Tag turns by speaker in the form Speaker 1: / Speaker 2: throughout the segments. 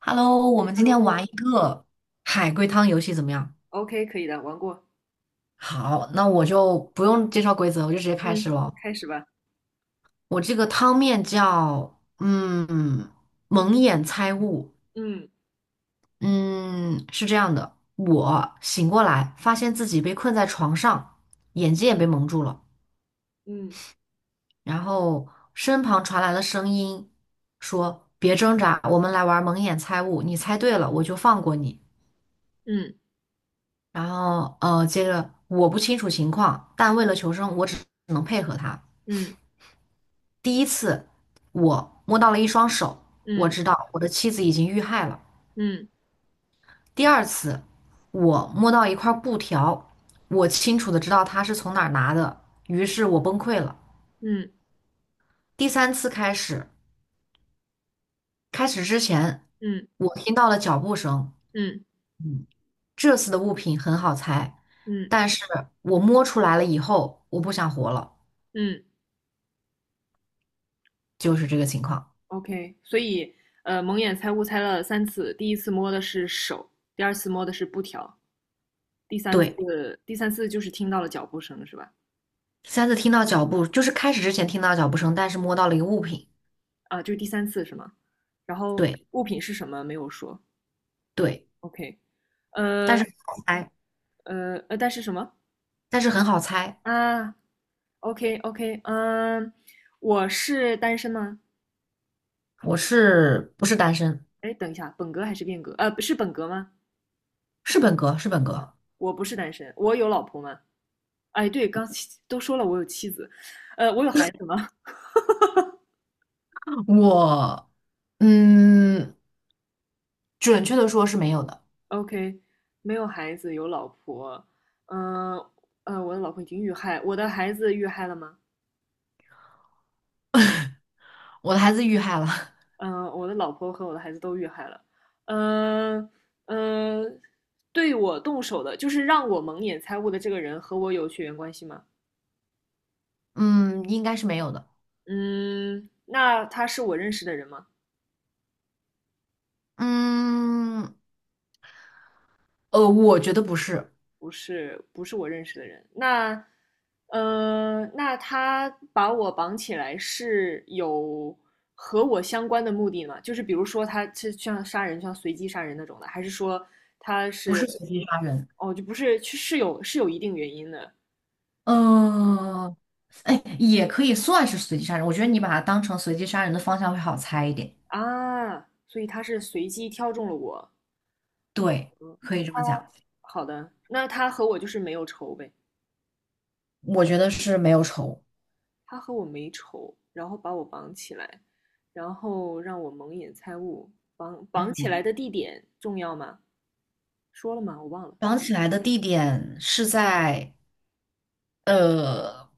Speaker 1: Hello，我们今天玩一
Speaker 2: Hello,OK,
Speaker 1: 个海龟汤游戏怎么样？
Speaker 2: 可以的，玩过，
Speaker 1: 好，那我就不用介绍规则，我就直接开始
Speaker 2: 嗯
Speaker 1: 了。
Speaker 2: 开始吧。
Speaker 1: 我这个汤面叫蒙眼猜物。
Speaker 2: 嗯
Speaker 1: 嗯，是这样的，我醒过来发现自己被困在床上，眼睛也被蒙住了，
Speaker 2: 嗯
Speaker 1: 然后身旁传来了声音说别挣扎，我们来玩蒙眼猜物，你猜对了我就放过你。
Speaker 2: 嗯
Speaker 1: 然后接着我不清楚情况，但为了求生，我只能配合他。
Speaker 2: 嗯
Speaker 1: 第一次我摸到了一双手，我
Speaker 2: 嗯
Speaker 1: 知道我的妻子已经遇害了。
Speaker 2: 嗯
Speaker 1: 第二次我摸到一块布条，我清楚的知道他是从哪儿拿的，于是我崩溃了。
Speaker 2: 嗯
Speaker 1: 第三次开始，开始之前
Speaker 2: 嗯
Speaker 1: 我听到了脚步声，
Speaker 2: 嗯
Speaker 1: 嗯，这次的物品很好猜，
Speaker 2: 嗯
Speaker 1: 但是我摸出来了以后，我不想活了，
Speaker 2: 嗯
Speaker 1: 就是这个情况。
Speaker 2: OK,所以蒙眼猜物猜了三次，第一次摸的是手，第二次摸的是布条，第三
Speaker 1: 对。
Speaker 2: 次第三次就是听到了脚步声是吧？
Speaker 1: 三次听到脚步，就是开始之前听到脚步声，但是摸到了一个物品。
Speaker 2: 啊，就是第三次是吗？然后
Speaker 1: 对
Speaker 2: 物品是什么没有说。
Speaker 1: 对，
Speaker 2: OK,
Speaker 1: 但
Speaker 2: 呃
Speaker 1: 是很好猜，
Speaker 2: 但是什么
Speaker 1: 但是很好猜。
Speaker 2: 啊？OK OK,嗯，我是单身吗？
Speaker 1: 我是不是单身？
Speaker 2: 哎，等一下，本格还是变革？不是本格吗？
Speaker 1: 是本格，是本格。
Speaker 2: 我不是单身，我有老婆吗？哎，对，刚都说了我有妻子，我有孩子吗
Speaker 1: 我嗯，准确的说是没有的。
Speaker 2: ？OK,没有孩子，有老婆。嗯呃我的老婆已经遇害，我的孩子遇害了吗？
Speaker 1: 我的孩子遇害了。
Speaker 2: 嗯、我的老婆和我的孩子都遇害了。嗯、嗯、呃对我动手的，就是让我蒙眼猜物的这个人和我有血缘关系吗？
Speaker 1: 嗯，应该是没有的。
Speaker 2: 嗯，那他是我认识的人吗？
Speaker 1: 嗯，我觉得不是，
Speaker 2: 不是，不是我认识的人。那，那他把我绑起来是有和我相关的目的吗？就是比如说他是像杀人，像随机杀人那种的，还是说他
Speaker 1: 不是
Speaker 2: 是，
Speaker 1: 随机杀人。
Speaker 2: 哦，就不是，是有一定原因的
Speaker 1: 嗯，哎，也可以算是随机杀人。我觉得你把它当成随机杀人的方向会好猜一点。
Speaker 2: 啊，所以他是随机挑中了我。
Speaker 1: 对，可以这
Speaker 2: 啊，
Speaker 1: 么讲。
Speaker 2: 好的，那他和我就是没有仇呗。
Speaker 1: 我觉得是没有仇。
Speaker 2: 他和我没仇，然后把我绑起来，然后让我蒙眼猜物。绑绑起
Speaker 1: 嗯，
Speaker 2: 来的地点重要吗？说了吗？我忘了。
Speaker 1: 绑起来的地点是在呃，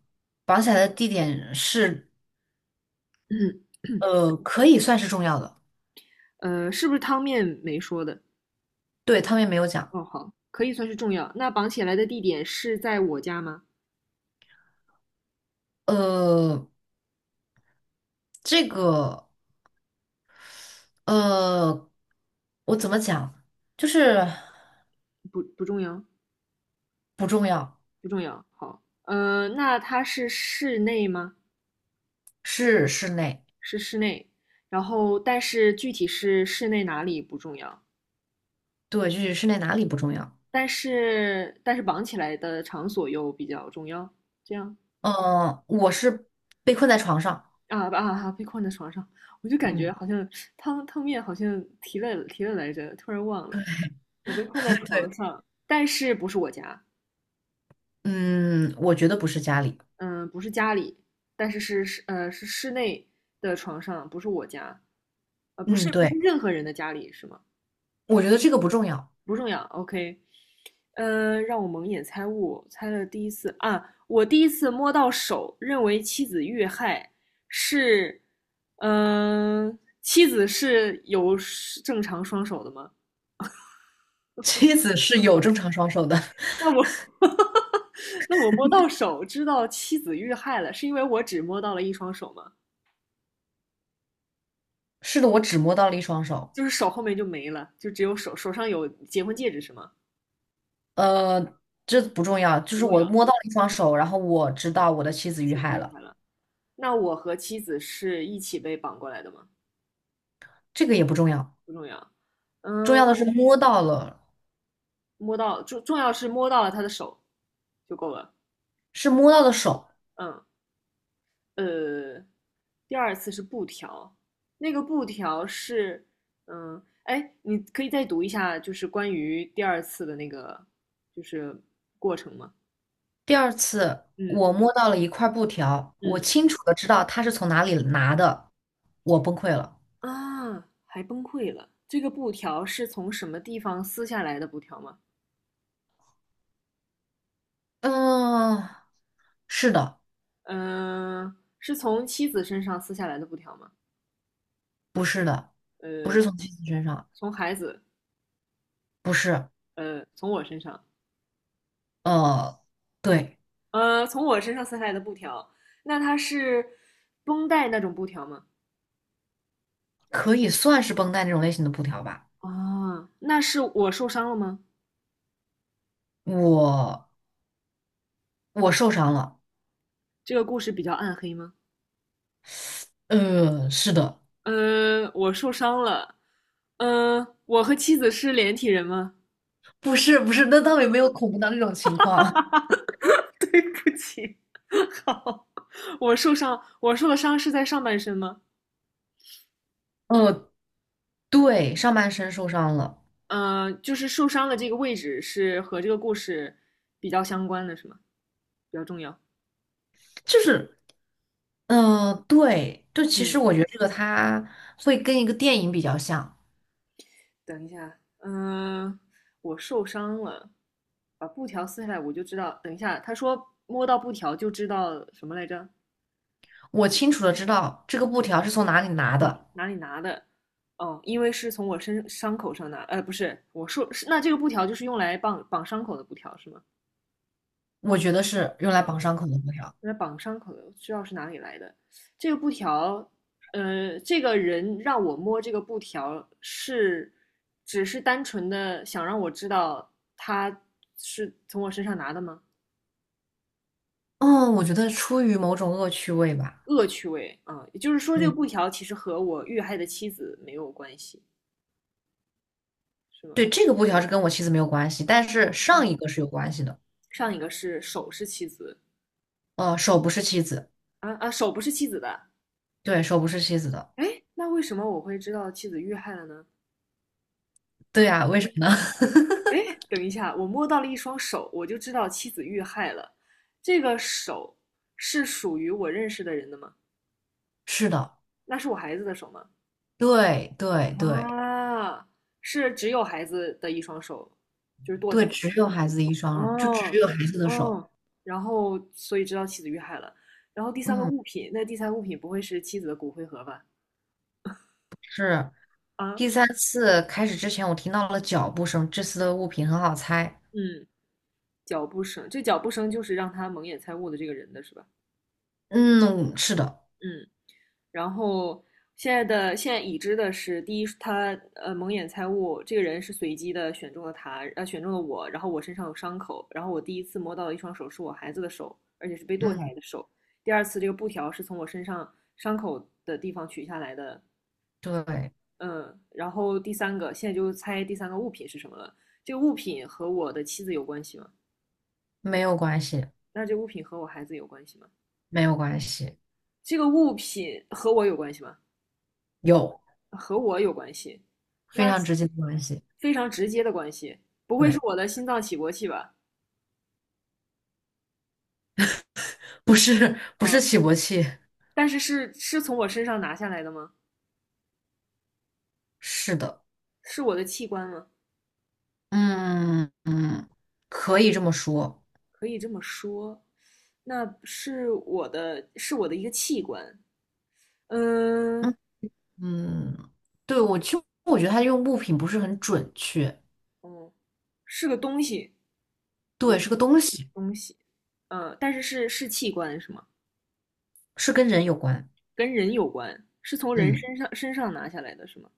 Speaker 1: 绑起来的地点是
Speaker 2: 嗯，
Speaker 1: 可以算是重要的。
Speaker 2: 是不是汤面没说的？
Speaker 1: 对，他们也没有讲。
Speaker 2: 哦，好，可以算是重要。那绑起来的地点是在我家吗？
Speaker 1: 呃，这个呃，我怎么讲？就是
Speaker 2: 不，不重要，
Speaker 1: 不重要，
Speaker 2: 不重要。好，那它是室内吗？
Speaker 1: 是室内。
Speaker 2: 是室内。然后，但是具体是室内哪里不重要，
Speaker 1: 对，就是室内哪里不重要？
Speaker 2: 但是绑起来的场所又比较重要。这样
Speaker 1: 我是被困在床上。
Speaker 2: 啊啊啊！被困在床上，我就感觉
Speaker 1: 嗯
Speaker 2: 好像汤面好像提了来着，突然忘了。我被困在床上，但是不是我家，
Speaker 1: 嗯，我觉得不是家里。
Speaker 2: 嗯，不是家里，但是是室内的床上，不是我家，呃不
Speaker 1: 嗯，
Speaker 2: 是不是
Speaker 1: 对，
Speaker 2: 任何人的家里是吗？
Speaker 1: 我觉得这个不重要。
Speaker 2: 不重要，OK。让我蒙眼猜物，猜了第一次啊，我第一次摸到手，认为妻子遇害，是，妻子是有正常双手的吗？
Speaker 1: 妻子是有正常双手的。
Speaker 2: 那我 那我摸到手，知道妻子遇害了，是因为我只摸到了一双手吗？
Speaker 1: 是的，我只摸到了一双手。
Speaker 2: 就是手后面就没了，就只有手，手上有结婚戒指是吗？
Speaker 1: 呃，这不重要，就
Speaker 2: 不
Speaker 1: 是
Speaker 2: 重
Speaker 1: 我
Speaker 2: 要，
Speaker 1: 摸到了一双手，然后我知道我的妻子遇
Speaker 2: 妻子
Speaker 1: 害
Speaker 2: 遇
Speaker 1: 了，
Speaker 2: 害了。那我和妻子是一起被绑过来的吗？
Speaker 1: 这个也不重要。
Speaker 2: 不重要。
Speaker 1: 重
Speaker 2: 嗯、
Speaker 1: 要的是摸到了，
Speaker 2: 摸到重要是摸到了他的手就够了。
Speaker 1: 是摸到的手。
Speaker 2: 嗯，呃，第二次是布条，那个布条是，嗯，哎，你可以再读一下，就是关于第二次的那个就是过程吗？
Speaker 1: 第二次，
Speaker 2: 嗯。
Speaker 1: 我摸到了一块布条，我
Speaker 2: 嗯。
Speaker 1: 清楚的知道他是从哪里拿的，我崩溃了。
Speaker 2: 啊，还崩溃了。这个布条是从什么地方撕下来的布条吗？
Speaker 1: 嗯，是的，
Speaker 2: 嗯、是从妻子身上撕下来的布条吗？
Speaker 1: 不是的，不
Speaker 2: 呃，
Speaker 1: 是从妻子身上，
Speaker 2: 从孩子，
Speaker 1: 不是，
Speaker 2: 从我身上。
Speaker 1: 呃，对，
Speaker 2: 从我身上撕下来的布条，那它是绷带那种布条吗？
Speaker 1: 可以算是绷带那种类型的布条吧。
Speaker 2: 啊，那是我受伤了吗？
Speaker 1: 我我受伤了，
Speaker 2: 这个故事比较暗黑吗？
Speaker 1: 是的，
Speaker 2: 我受伤了。我和妻子是连体人吗？
Speaker 1: 不是不是，那倒也没有恐怖到那种情况。
Speaker 2: 对不起，好，我受伤，我受的伤是在上半身吗？
Speaker 1: 呃，对，上半身受伤了，
Speaker 2: 就是受伤的这个位置是和这个故事比较相关的，是吗？比较重要。
Speaker 1: 就是，对，就其实
Speaker 2: 嗯，
Speaker 1: 我觉得这个它会跟一个电影比较像。
Speaker 2: 等一下，嗯、呃我受伤了，把布条撕下来我就知道。等一下，他说摸到布条就知道什么来着？
Speaker 1: 我清楚的知道这个布条是从哪里拿
Speaker 2: 啊，
Speaker 1: 的，
Speaker 2: 哪里拿的？哦，因为是从我身伤口上拿，呃，不是，我说是那这个布条就是用来绑伤口的布条是吗？
Speaker 1: 我觉得是用来绑伤口的布条。
Speaker 2: 用来绑伤口的，知道是哪里来的。这个布条，这个人让我摸这个布条是，只是单纯的想让我知道他是从我身上拿的吗？
Speaker 1: 嗯，我觉得出于某种恶趣味吧。
Speaker 2: 恶趣味啊，也就是说，这个
Speaker 1: 嗯，
Speaker 2: 布条其实和我遇害的妻子没有关系，是吗？
Speaker 1: 对，这个布条是跟我妻子没有关系，但是上一个是有关系的。
Speaker 2: 上一个是手是妻子
Speaker 1: 手不是妻子，
Speaker 2: 啊啊，手不是妻子的，
Speaker 1: 对，手不是妻子的，
Speaker 2: 哎，那为什么我会知道妻子遇害了呢？
Speaker 1: 对
Speaker 2: 嗯，
Speaker 1: 呀，为什么呢？
Speaker 2: 哎，等一下，我摸到了一双手，我就知道妻子遇害了。这个手是属于我认识的人的吗？
Speaker 1: 是的。
Speaker 2: 那是我孩子的手吗？
Speaker 1: 对对对
Speaker 2: 啊，是只有孩子的一双手，就是剁下
Speaker 1: 对，
Speaker 2: 来的
Speaker 1: 只
Speaker 2: 那
Speaker 1: 有
Speaker 2: 种。
Speaker 1: 孩子的一双耳就只
Speaker 2: 哦，
Speaker 1: 有孩子的手。
Speaker 2: 哦，然后所以知道妻子遇害了。然后第三个
Speaker 1: 嗯，
Speaker 2: 物品，那第三个物品不会是妻子的骨灰盒吧？
Speaker 1: 是。
Speaker 2: 啊，
Speaker 1: 第三次开始之前，我听到了脚步声，这次的物品很好猜。
Speaker 2: 嗯，脚步声，这脚步声就是让他蒙眼猜物的这个人的是吧？
Speaker 1: 嗯，是的。
Speaker 2: 嗯，然后现在已知的是，第一，他蒙眼猜物这个人是随机的选中了他，选中了我，然后我身上有伤口，然后我第一次摸到的一双手是我孩子的手，而且是被剁下
Speaker 1: 嗯，
Speaker 2: 来的手。第二次这个布条是从我身上伤口的地方取下来的，
Speaker 1: 对，
Speaker 2: 嗯，然后第三个，现在就猜第三个物品是什么了。这个物品和我的妻子有关系吗？
Speaker 1: 没有关系，
Speaker 2: 那这个物品和我孩子有关系吗？
Speaker 1: 没有关系，
Speaker 2: 这个物品和我有关系吗？
Speaker 1: 有
Speaker 2: 和我有关系，
Speaker 1: 非
Speaker 2: 那
Speaker 1: 常直
Speaker 2: 是
Speaker 1: 接的关系。
Speaker 2: 非常直接的关系，不会是
Speaker 1: 对，
Speaker 2: 我的心脏起搏器吧？
Speaker 1: 不是不
Speaker 2: 嗯，
Speaker 1: 是起搏器，
Speaker 2: 但是是从我身上拿下来的吗？
Speaker 1: 是的。
Speaker 2: 是我的器官吗？
Speaker 1: 嗯嗯，可以这么说。
Speaker 2: 可以这么说，那是我的，是我的一个器官。
Speaker 1: 嗯
Speaker 2: 嗯，
Speaker 1: 嗯，对，我其实觉得他用物品不是很准确。
Speaker 2: 嗯，是个东西。
Speaker 1: 对，
Speaker 2: 如
Speaker 1: 是个东西。
Speaker 2: 东西，但是是器官是吗？
Speaker 1: 是跟人有关。
Speaker 2: 跟人有关，是从人
Speaker 1: 嗯
Speaker 2: 身上拿下来的是吗？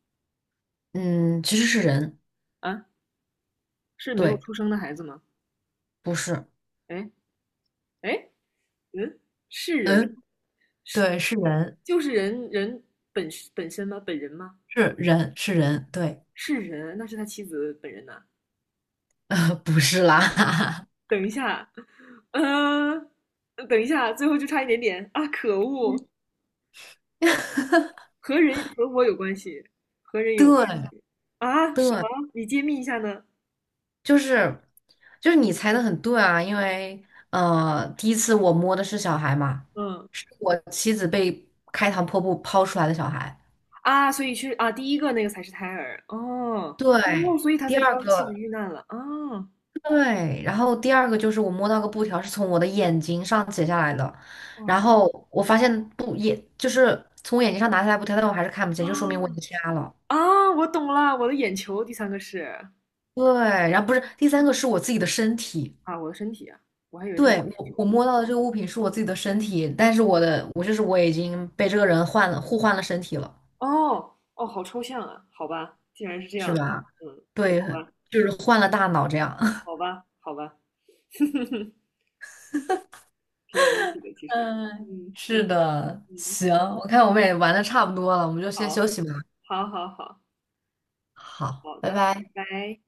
Speaker 1: 嗯，其实是人，
Speaker 2: 啊，是没有
Speaker 1: 对，
Speaker 2: 出生的孩子吗？
Speaker 1: 不是，
Speaker 2: 哎。哎，嗯，是人
Speaker 1: 嗯，
Speaker 2: 是
Speaker 1: 对，是人，
Speaker 2: 就是人本本身吗？本人吗？
Speaker 1: 是人，是人，对。
Speaker 2: 是人，那是他妻子本人呐。
Speaker 1: 不是啦。
Speaker 2: 等一下，呃，等一下，最后就差一点点啊！可恶，和人和我有关系，和人有关系
Speaker 1: 对
Speaker 2: 啊？什
Speaker 1: 对，
Speaker 2: 么？你揭秘一下呢？
Speaker 1: 就是就是你猜的很对啊，因为第一次我摸的是小孩嘛，
Speaker 2: 嗯。
Speaker 1: 是我妻子被开膛破肚抛出来的小孩。
Speaker 2: 啊，所以是啊，第一个那个才是胎儿哦
Speaker 1: 对，
Speaker 2: 哦，所以他
Speaker 1: 第
Speaker 2: 才知
Speaker 1: 二
Speaker 2: 道妻子
Speaker 1: 个。
Speaker 2: 遇难了啊
Speaker 1: 对，然后第二个就是我摸到个布条是从我的眼睛上剪下来的，然
Speaker 2: 啊
Speaker 1: 后我发现布也就是从我眼睛上拿下来布条，但我还是看不见，就说明我已
Speaker 2: 啊
Speaker 1: 经瞎了。
Speaker 2: 啊！我懂了，我的眼球，第三个是
Speaker 1: 对，然后不是第三个是我自己的身体，
Speaker 2: 啊，我的身体啊，我还以为是我
Speaker 1: 对，
Speaker 2: 的眼
Speaker 1: 我
Speaker 2: 球
Speaker 1: 摸到的这个物品是我自己的身体，但是我的我就是我已经被这个人换了互换了身体了，
Speaker 2: 哦哦，好抽象啊，好吧，竟然是这
Speaker 1: 是
Speaker 2: 样的，
Speaker 1: 吧？
Speaker 2: 嗯，好
Speaker 1: 对，
Speaker 2: 吧，
Speaker 1: 就是换了大脑这样。
Speaker 2: 好吧，好吧，挺有意思的，其实，
Speaker 1: 嗯，
Speaker 2: 嗯。
Speaker 1: 是的，
Speaker 2: 嗯，
Speaker 1: 行，我看我们也玩的差不多了，我们就先
Speaker 2: 好，
Speaker 1: 休息吧。
Speaker 2: 好，好，好，
Speaker 1: 好，
Speaker 2: 好
Speaker 1: 拜
Speaker 2: 的，
Speaker 1: 拜。
Speaker 2: 拜拜。